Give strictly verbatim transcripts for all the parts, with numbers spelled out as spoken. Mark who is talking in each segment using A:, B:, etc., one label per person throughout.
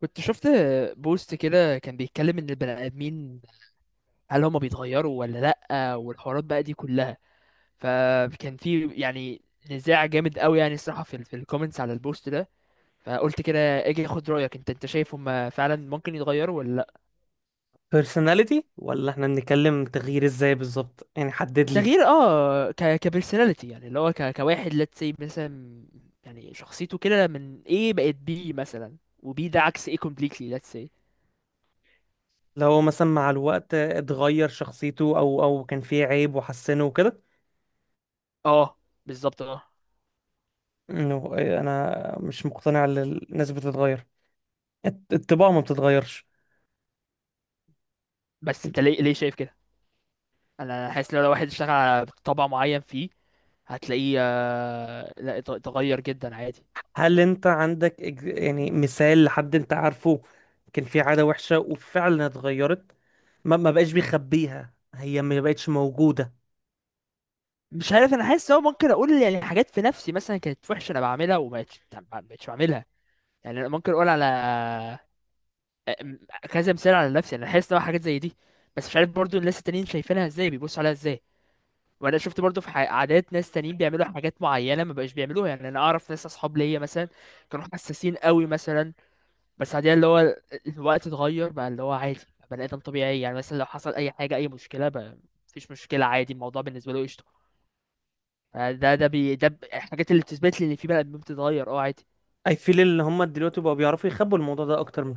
A: كنت شفت بوست كده كان بيتكلم ان البني ادمين، هل هما بيتغيروا ولا لا، والحوارات بقى دي كلها. فكان في، يعني، نزاع جامد قوي، يعني الصراحه في ال- في الكومنتس على البوست ده. فقلت كده اجي اخد رايك. انت انت شايف هما فعلا ممكن يتغيروا ولا لا؟
B: personality ولا احنا بنتكلم تغيير ازاي بالظبط؟ يعني حدد لي.
A: تغيير، اه ك كبرسوناليتي، يعني اللي هو ك كواحد، let's say، مثلا. يعني شخصيته كده من ايه بقت بي مثلا، وبي ده عكس ايه، completely، let's say.
B: لو مثلا مع الوقت اتغير شخصيته او او كان فيه عيب وحسنه وكده.
A: اه، بالظبط، اه.
B: انه انا مش مقتنع ان الناس بتتغير. الط- الطباع ما بتتغيرش.
A: بس انت ليه ليه شايف كده؟ انا حاسس لو لو واحد اشتغل على طبع معين فيه، هتلاقيه، آه، لا، ات- اتغير جدا عادي.
B: هل انت عندك إج- يعني مثال لحد انت عارفه كان فيه عادة وحشة وفعلا اتغيرت؟ ما ما بقاش بيخبيها، هي ما بقتش موجودة؟
A: مش عارف، انا حاسس هو ممكن اقول، يعني، حاجات في نفسي مثلا كانت وحشه انا بعملها وما بقتش ما بقتش بعملها. يعني أنا ممكن اقول على، آه، م- كذا مثال على نفسي. انا حاسس ان هو حاجات زي دي، بس مش عارف برضو الناس التانيين شايفينها ازاي، بيبصوا عليها ازاي. وانا شفت برضو في ح- عادات ناس تانيين بيعملوا حاجات معينه ما بقاش بيعملوها. يعني انا اعرف ناس اصحاب ليا مثلا كانوا حساسين قوي مثلا، بس بعدين اللي هو ال- الوقت اتغير بقى، اللي هو عادي، بقى بني ادم طبيعي. يعني مثلا لو حصل اي حاجه، اي مشكله بقى، مفيش مشكله، عادي، الموضوع بالنسبه له قشطه. آه، ده ده بي ده ب- الحاجات اللي بتثبت لي ان في بني ادمين بتتغير، اه، عادي.
B: I feel ان هم دلوقتي بقوا بيعرفوا يخبوا الموضوع ده اكتر من...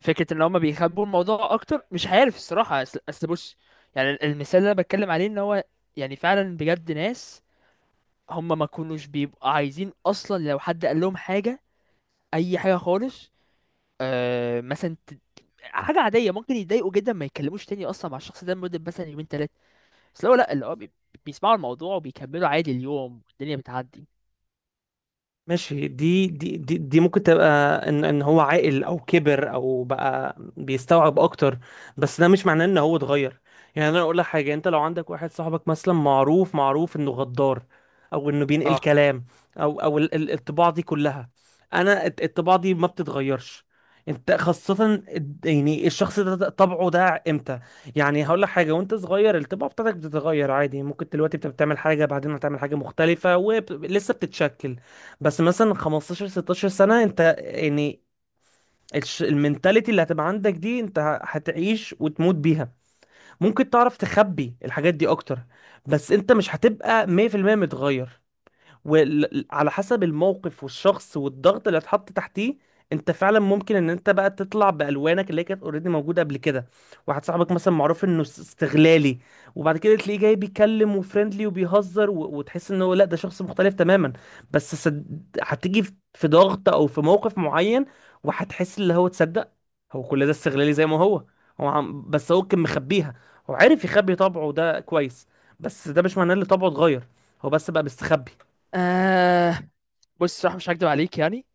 A: فكره ان هما بيخبوا الموضوع اكتر، مش عارف الصراحه. اصل اصل بص. يعني ال- المثال اللي انا بتكلم عليه، ان هو يعني فعلا بجد ناس هما ما كانوش بيبقوا عايزين اصلا، لو حد قال لهم حاجه، اي حاجه خالص، آه مثلا، ت- حاجه عاديه، ممكن يتضايقوا جدا، ما يتكلموش تاني اصلا مع الشخص ده لمده مثلا يومين تلاته. بس لو لا، اللي هو بي- بيسمعوا الموضوع وبيكملوا عادي، اليوم والدنيا بتعدي.
B: ماشي، دي دي دي, دي ممكن تبقى ان ان هو عاقل او كبر او بقى بيستوعب اكتر. بس ده مش معناه ان هو اتغير. يعني انا اقول لك حاجه: انت لو عندك واحد صاحبك مثلا معروف معروف انه غدار، او انه بينقل
A: اه،
B: كلام، او او ال- ال- الطباع دي كلها، انا الت- الطباع دي ما بتتغيرش. انت خاصة الد- يعني الشخص ده ده طبعه ده امتى؟ يعني هقول لك حاجة: وانت صغير الطباع بتاعتك بتتغير عادي، ممكن دلوقتي بتبقى بتعمل حاجة بعدين هتعمل حاجة مختلفة، ولسه بتتشكل. بس مثلا خمسة عشر ستاشر سنة انت يعني الش- المنتاليتي اللي هتبقى عندك دي انت ه- هتعيش وتموت بيها. ممكن تعرف تخبي الحاجات دي اكتر، بس انت مش هتبقى مية بالمية متغير. وعلى حسب الموقف والشخص والضغط اللي اتحط تحتيه، انت فعلا ممكن ان انت بقى تطلع بالوانك اللي هي كانت اوريدي موجوده قبل كده. واحد صاحبك مثلا معروف انه است- استغلالي، وبعد كده تلاقيه جاي بيتكلم وفريندلي وبيهزر و... وتحس ان هو لا ده شخص مختلف تماما. بس صد... هتيجي في في ضغط او في موقف معين وهتحس اللي هو تصدق هو كل ده استغلالي زي ما هو. هو عم... بس هو كان مخبيها. هو عارف يخبي طبعه ده كويس، بس ده مش معناه ان طبعه اتغير، هو بس بقى مستخبي.
A: آه، بص، صراحة مش هكدب عليك، يعني.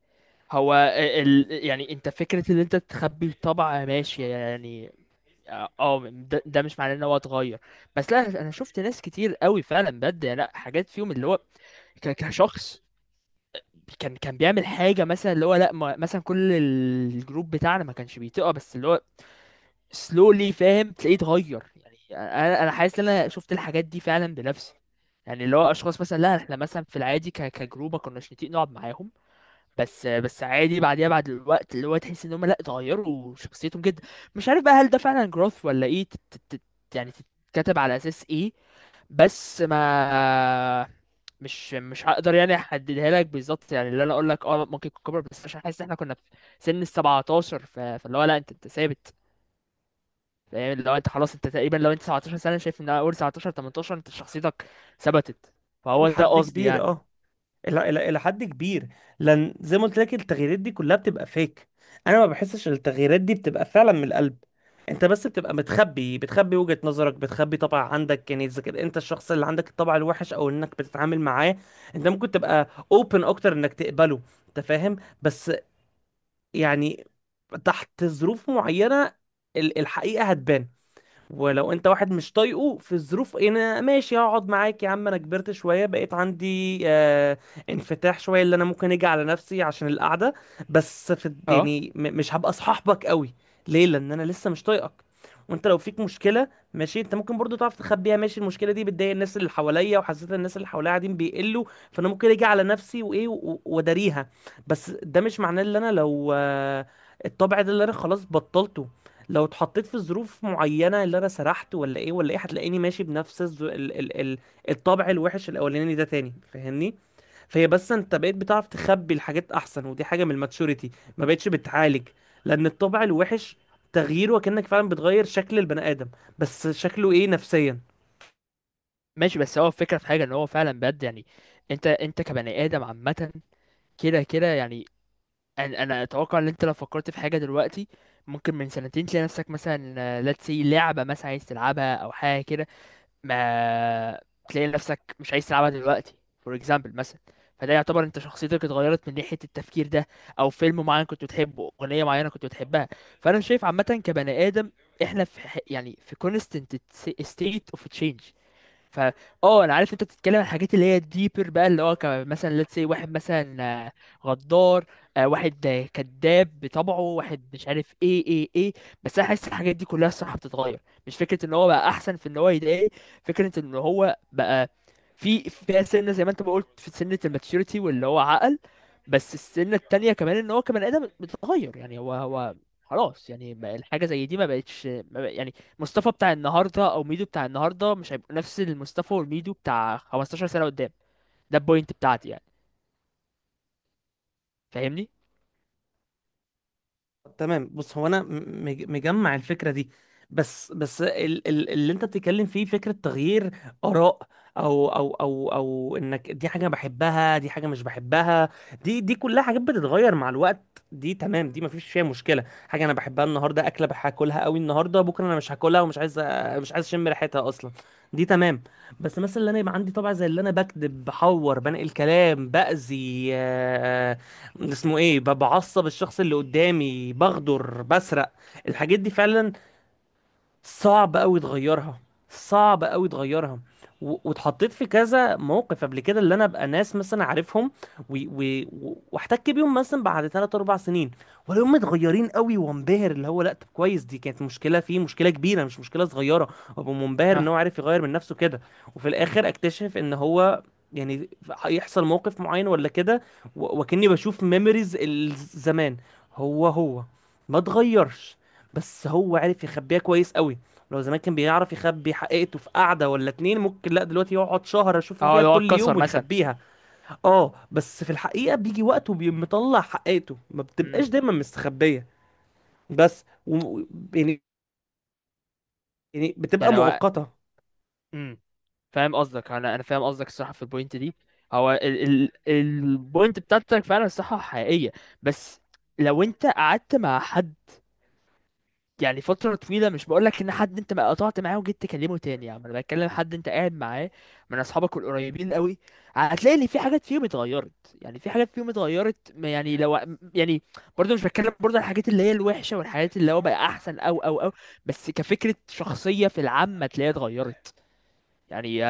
A: هو ال... ال- يعني انت، فكرة ان انت تخبي الطبع، ماشي يعني. اه، آه، ده, ده مش معناه ان هو اتغير. بس لا، انا شفت ناس كتير قوي فعلا بجد، يعني لا، حاجات فيهم اللي هو ك... كشخص، كان كان بيعمل حاجة مثلا اللي هو لا، ما... مثلا كل الجروب بتاعنا ما كانش بيتقى، بس اللي هو سلولي، فاهم؟ تلاقيه اتغير يعني. انا انا حاسس ان انا شفت الحاجات دي فعلا بنفسي. يعني اللي هو اشخاص مثلا، لا احنا مثلا في العادي ك- كجروب ما كناش نتيق نقعد معاهم، بس بس عادي بعديها، بعد الوقت اللي هو تحس ان هم لا، اتغيروا شخصيتهم جدا. مش عارف بقى هل ده فعلا growth ولا ايه؟ تت تت يعني تتكتب على اساس ايه؟ بس، ما مش مش هقدر يعني احددها لك بالظبط، يعني اللي انا اقول لك، اه ممكن يكون كبر، بس عشان حاسس ان احنا كنا في سن ال سبعة عشر، ف- فاللي هو لا، انت انت ثابت. يعني لو انت خلاص، انت تقريبا لو انت تسعة عشر سنه، شايف ان اول تسعة عشر تمنتاشر انت شخصيتك ثبتت.
B: إلى
A: فهو ده
B: حد
A: قصدي
B: كبير
A: يعني.
B: اه. إلى إلى إلى حد كبير. لأن زي ما قلت لك التغييرات دي كلها بتبقى فيك. أنا ما بحسش إن التغييرات دي بتبقى فعلا من القلب. أنت بس بتبقى متخبي، بتخبي وجهة نظرك، بتخبي طبع عندك، يعني إذا كان أنت الشخص اللي عندك الطبع الوحش أو إنك بتتعامل معاه، أنت ممكن تبقى أوبن أكتر إنك تقبله. أنت فاهم؟ بس يعني تحت ظروف معينة ال- الحقيقة هتبان. ولو انت واحد مش طايقه، في الظروف انا ماشي هقعد معاك يا عم، انا كبرت شويه بقيت عندي آه انفتاح شويه اللي انا ممكن اجي على نفسي عشان القعده، بس في
A: اه،
B: يعني م- مش هبقى صاحبك قوي. ليه؟ لان انا لسه مش طايقك. وانت لو فيك مشكله، ماشي انت ممكن برضو تعرف تخبيها، ماشي المشكله دي بتضايق الناس اللي حواليا وحسيت ان الناس اللي حواليا قاعدين بيقلوا، فانا ممكن اجي على نفسي وايه و- واداريها. بس ده مش معناه ان انا لو آه الطبع ده اللي انا خلاص بطلته، لو اتحطيت في ظروف معينة اللي انا سرحت ولا ايه ولا ايه، هتلاقيني ماشي بنفس الز... ال... ال... ال... الطبع الوحش الاولاني ده تاني. فاهمني؟ فهي بس انت بقيت بتعرف تخبي الحاجات احسن، ودي حاجة من الماتشوريتي، ما بقتش بتعالج. لان الطبع الوحش تغييره كأنك فعلا بتغير شكل البني ادم. بس شكله ايه نفسيا.
A: ماشي، بس هو الفكره في حاجه ان هو فعلا بجد، يعني انت انت كبني ادم عامه كده كده يعني. انا انا اتوقع ان انت لو فكرت في حاجه دلوقتي، ممكن من سنتين تلاقي نفسك مثلا، let's say، لعبه مثلا عايز تلعبها او حاجه كده، ما تلاقي نفسك مش عايز تلعبها دلوقتي. فور اكزامبل مثلا. فده يعتبر انت شخصيتك اتغيرت من ناحية التفكير ده، او فيلم معين كنت بتحبه، اغنية معينة كنت بتحبها. فانا شايف عامة كبني ادم احنا في ح- يعني في constant state of change. ف اه انا عارف انت بتتكلم عن الحاجات اللي هي ديبر بقى، اللي هو ك- مثلا ليتس سي واحد مثلا، آه، غدار، آه، واحد، آه، كذاب بطبعه، واحد مش عارف ايه ايه ايه. بس انا حاسس الحاجات دي كلها الصراحه بتتغير، مش فكره ان هو بقى احسن في ان هو يضايق، فكره ان هو بقى في فيها سنه، زي ما انت ما قلت، في سنه الماتشوريتي واللي هو عقل. بس السنه التانية كمان ان هو كبني ادم بتتغير، يعني هو هو خلاص، يعني بقى الحاجه زي دي ما بقتش، ما بق- يعني. مصطفى بتاع النهارده او ميدو بتاع النهارده مش هيبقى نفس المصطفى والميدو بتاع خمستاشر سنه قدام. ده البوينت بتاعتي يعني. فاهمني؟
B: تمام، بص هو انا م- مج- مجمع الفكره دي، بس بس ال- ال- اللي انت بتتكلم فيه فكره تغيير اراء، او او او او انك دي حاجه بحبها دي حاجه مش بحبها، دي دي كلها حاجات بتتغير مع الوقت. دي تمام، دي مفيش فيها مشكله. حاجه انا بحبها النهارده اكله بح- هاكلها قوي النهارده، بكره انا مش هاكلها ومش عايز أ- مش عايز اشم ريحتها اصلا. دي تمام. بس مثلا اللي انا يبقى عندي طبع زي اللي انا بكذب، بحور، بنقل كلام، باذي، اسمه ايه، ببعصب الشخص اللي قدامي، بغدر، بسرق. الحاجات دي فعلا صعب قوي تغيرها. صعب قوي تغيرها. و- واتحطيت في كذا موقف قبل كده اللي انا ابقى ناس مثلا عارفهم و- و- و- واحتك بيهم مثلا بعد ثلاث أربع سنين ولا هم متغيرين قوي، وانبهر اللي هو لا طب كويس، دي كانت مشكله فيه، مشكله كبيره مش مشكله صغيره، وابقى منبهر ان
A: اه،
B: هو عارف يغير من نفسه كده. وفي الاخر اكتشف ان هو يعني هيحصل موقف معين ولا كده و- وكأني بشوف ميموريز الزمان، هو هو ما اتغيرش، بس هو عرف يخبيها كويس قوي. لو زمان كان بيعرف يخبي حقيقته في قعدة ولا اتنين، ممكن لا دلوقتي يقعد شهر اشوفه
A: اه،
B: فيها
A: لو هو
B: كل يوم
A: اتكسر مثلا.
B: ويخبيها. اه بس في الحقيقة بيجي وقت وبيقوم مطلع حقيقته، ما بتبقاش
A: امم
B: دايما مستخبية. بس و... يعني بتبقى
A: يعني هو،
B: مؤقتة.
A: امم فاهم قصدك. انا انا فاهم قصدك الصراحه في البوينت دي. هو ال ال البوينت بتاعتك فعلا صح، حقيقيه. بس لو انت قعدت مع حد يعني فترة طويلة، مش بقولك ان حد انت ما قطعت معاه وجيت تكلمه تاني، يعني انا بتكلم حد انت قاعد معاه من اصحابك القريبين قوي، هتلاقي ان في حاجات فيهم اتغيرت. يعني في حاجات فيهم اتغيرت، ما يعني لو، يعني، برضه مش بتكلم برضه عن الحاجات اللي هي الوحشة والحاجات اللي هو بقى احسن، او او او بس كفكرة شخصية في العامة تلاقيها اتغيرت. يعني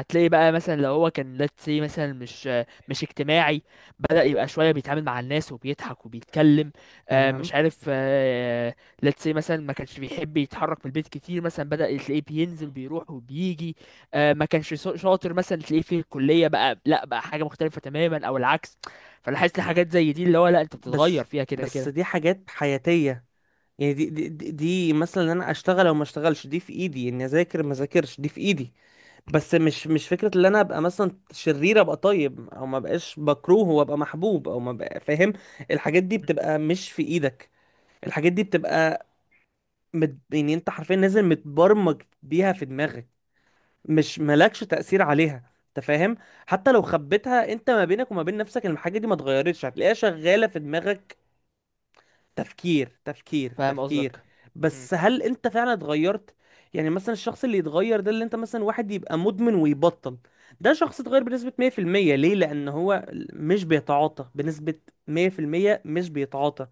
A: هتلاقي بقى مثلا لو هو كان، let's say مثلا، مش مش اجتماعي، بدأ يبقى شوية بيتعامل مع الناس وبيضحك وبيتكلم. آه،
B: تمام،
A: مش عارف. آه، let's say مثلا ما كانش بيحب يتحرك من البيت كتير، مثلا بدأ تلاقيه بينزل بيروح وبيجي. آه، ما كانش شا- شاطر مثلا، تلاقيه في الكلية بقى لا، بقى حاجة مختلفة تماما، او العكس. فلاحظت حاجات زي دي اللي هو لا، انت بتتغير
B: بس
A: فيها كده
B: بس
A: كده.
B: دي حاجات حياتية، يعني دي دي دي, دي مثلا ان انا اشتغل او ما اشتغلش دي في ايدي، اني اذاكر ما اذاكرش دي في ايدي. بس مش مش فكره ان انا ابقى مثلا شرير ابقى طيب، او ما بقاش بكروه وابقى محبوب، او ما بقى فاهم. الحاجات دي بتبقى مش في ايدك. الحاجات دي بتبقى مت... يعني انت حرفيا نازل متبرمج بيها في دماغك، مش مالكش تأثير عليها. انت فاهم؟ حتى لو خبيتها انت ما بينك وما بين نفسك، الحاجه دي ما اتغيرتش، هتلاقيها شغاله في دماغك. تفكير تفكير
A: فاهم
B: تفكير.
A: قصدك. مم.
B: بس هل انت فعلا اتغيرت؟ يعني مثلا الشخص اللي يتغير ده اللي انت مثلا واحد يبقى مدمن ويبطل، ده شخص اتغير بنسبة مية بالمية. ليه؟ لان هو مش بيتعاطى بنسبة مية بالمية، مش بيتعاطى،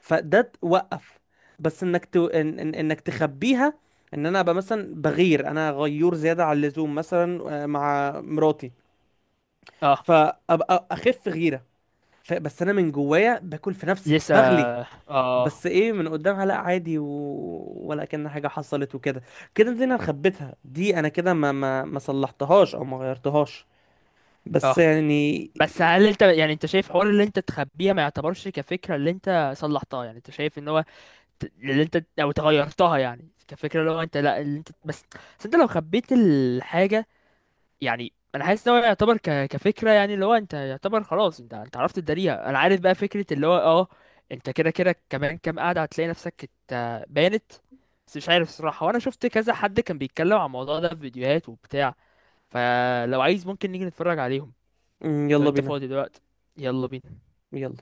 B: فده توقف. بس انك ت... إن... إن... انك تخبيها، ان انا ابقى مثلا بغير، انا غيور زيادة عن اللزوم مثلا آه، مع مراتي،
A: اه،
B: فابقى اخف غيرة. ف... بس انا من جوايا باكل في نفسي
A: لسه.
B: بغلي.
A: اه،
B: بس ايه، من قدامها لا عادي و... ولا كأن حاجه حصلت وكده. كده دي انا خبيتها، دي انا كده ما ما ما صلحتهاش او ما غيرتهاش، بس
A: اه،
B: يعني.
A: بس هل انت، يعني، انت شايف حوار اللي انت تخبيها ما يعتبرش كفكره اللي انت صلحتها؟ يعني انت شايف ان هو ت- اللي انت او تغيرتها، يعني كفكره اللي هو انت، لا اللي انت بس، بس انت لو خبيت الحاجه، يعني انا حاسس ان هو يعتبر ك... كفكره، يعني اللي هو انت يعتبر خلاص، انت انت عرفت تداريها. انا عارف بقى فكره اللي هو، اه انت كده كده كمان كام قاعده هتلاقي نفسك، ات- بانت. بس مش عارف الصراحه، وانا شفت كذا حد كان بيتكلم عن الموضوع ده في فيديوهات وبتاع، فلو عايز ممكن نيجي نتفرج عليهم. لو
B: يلا
A: انت
B: بينا.
A: فاضي دلوقتي، يلا بينا.
B: يلا.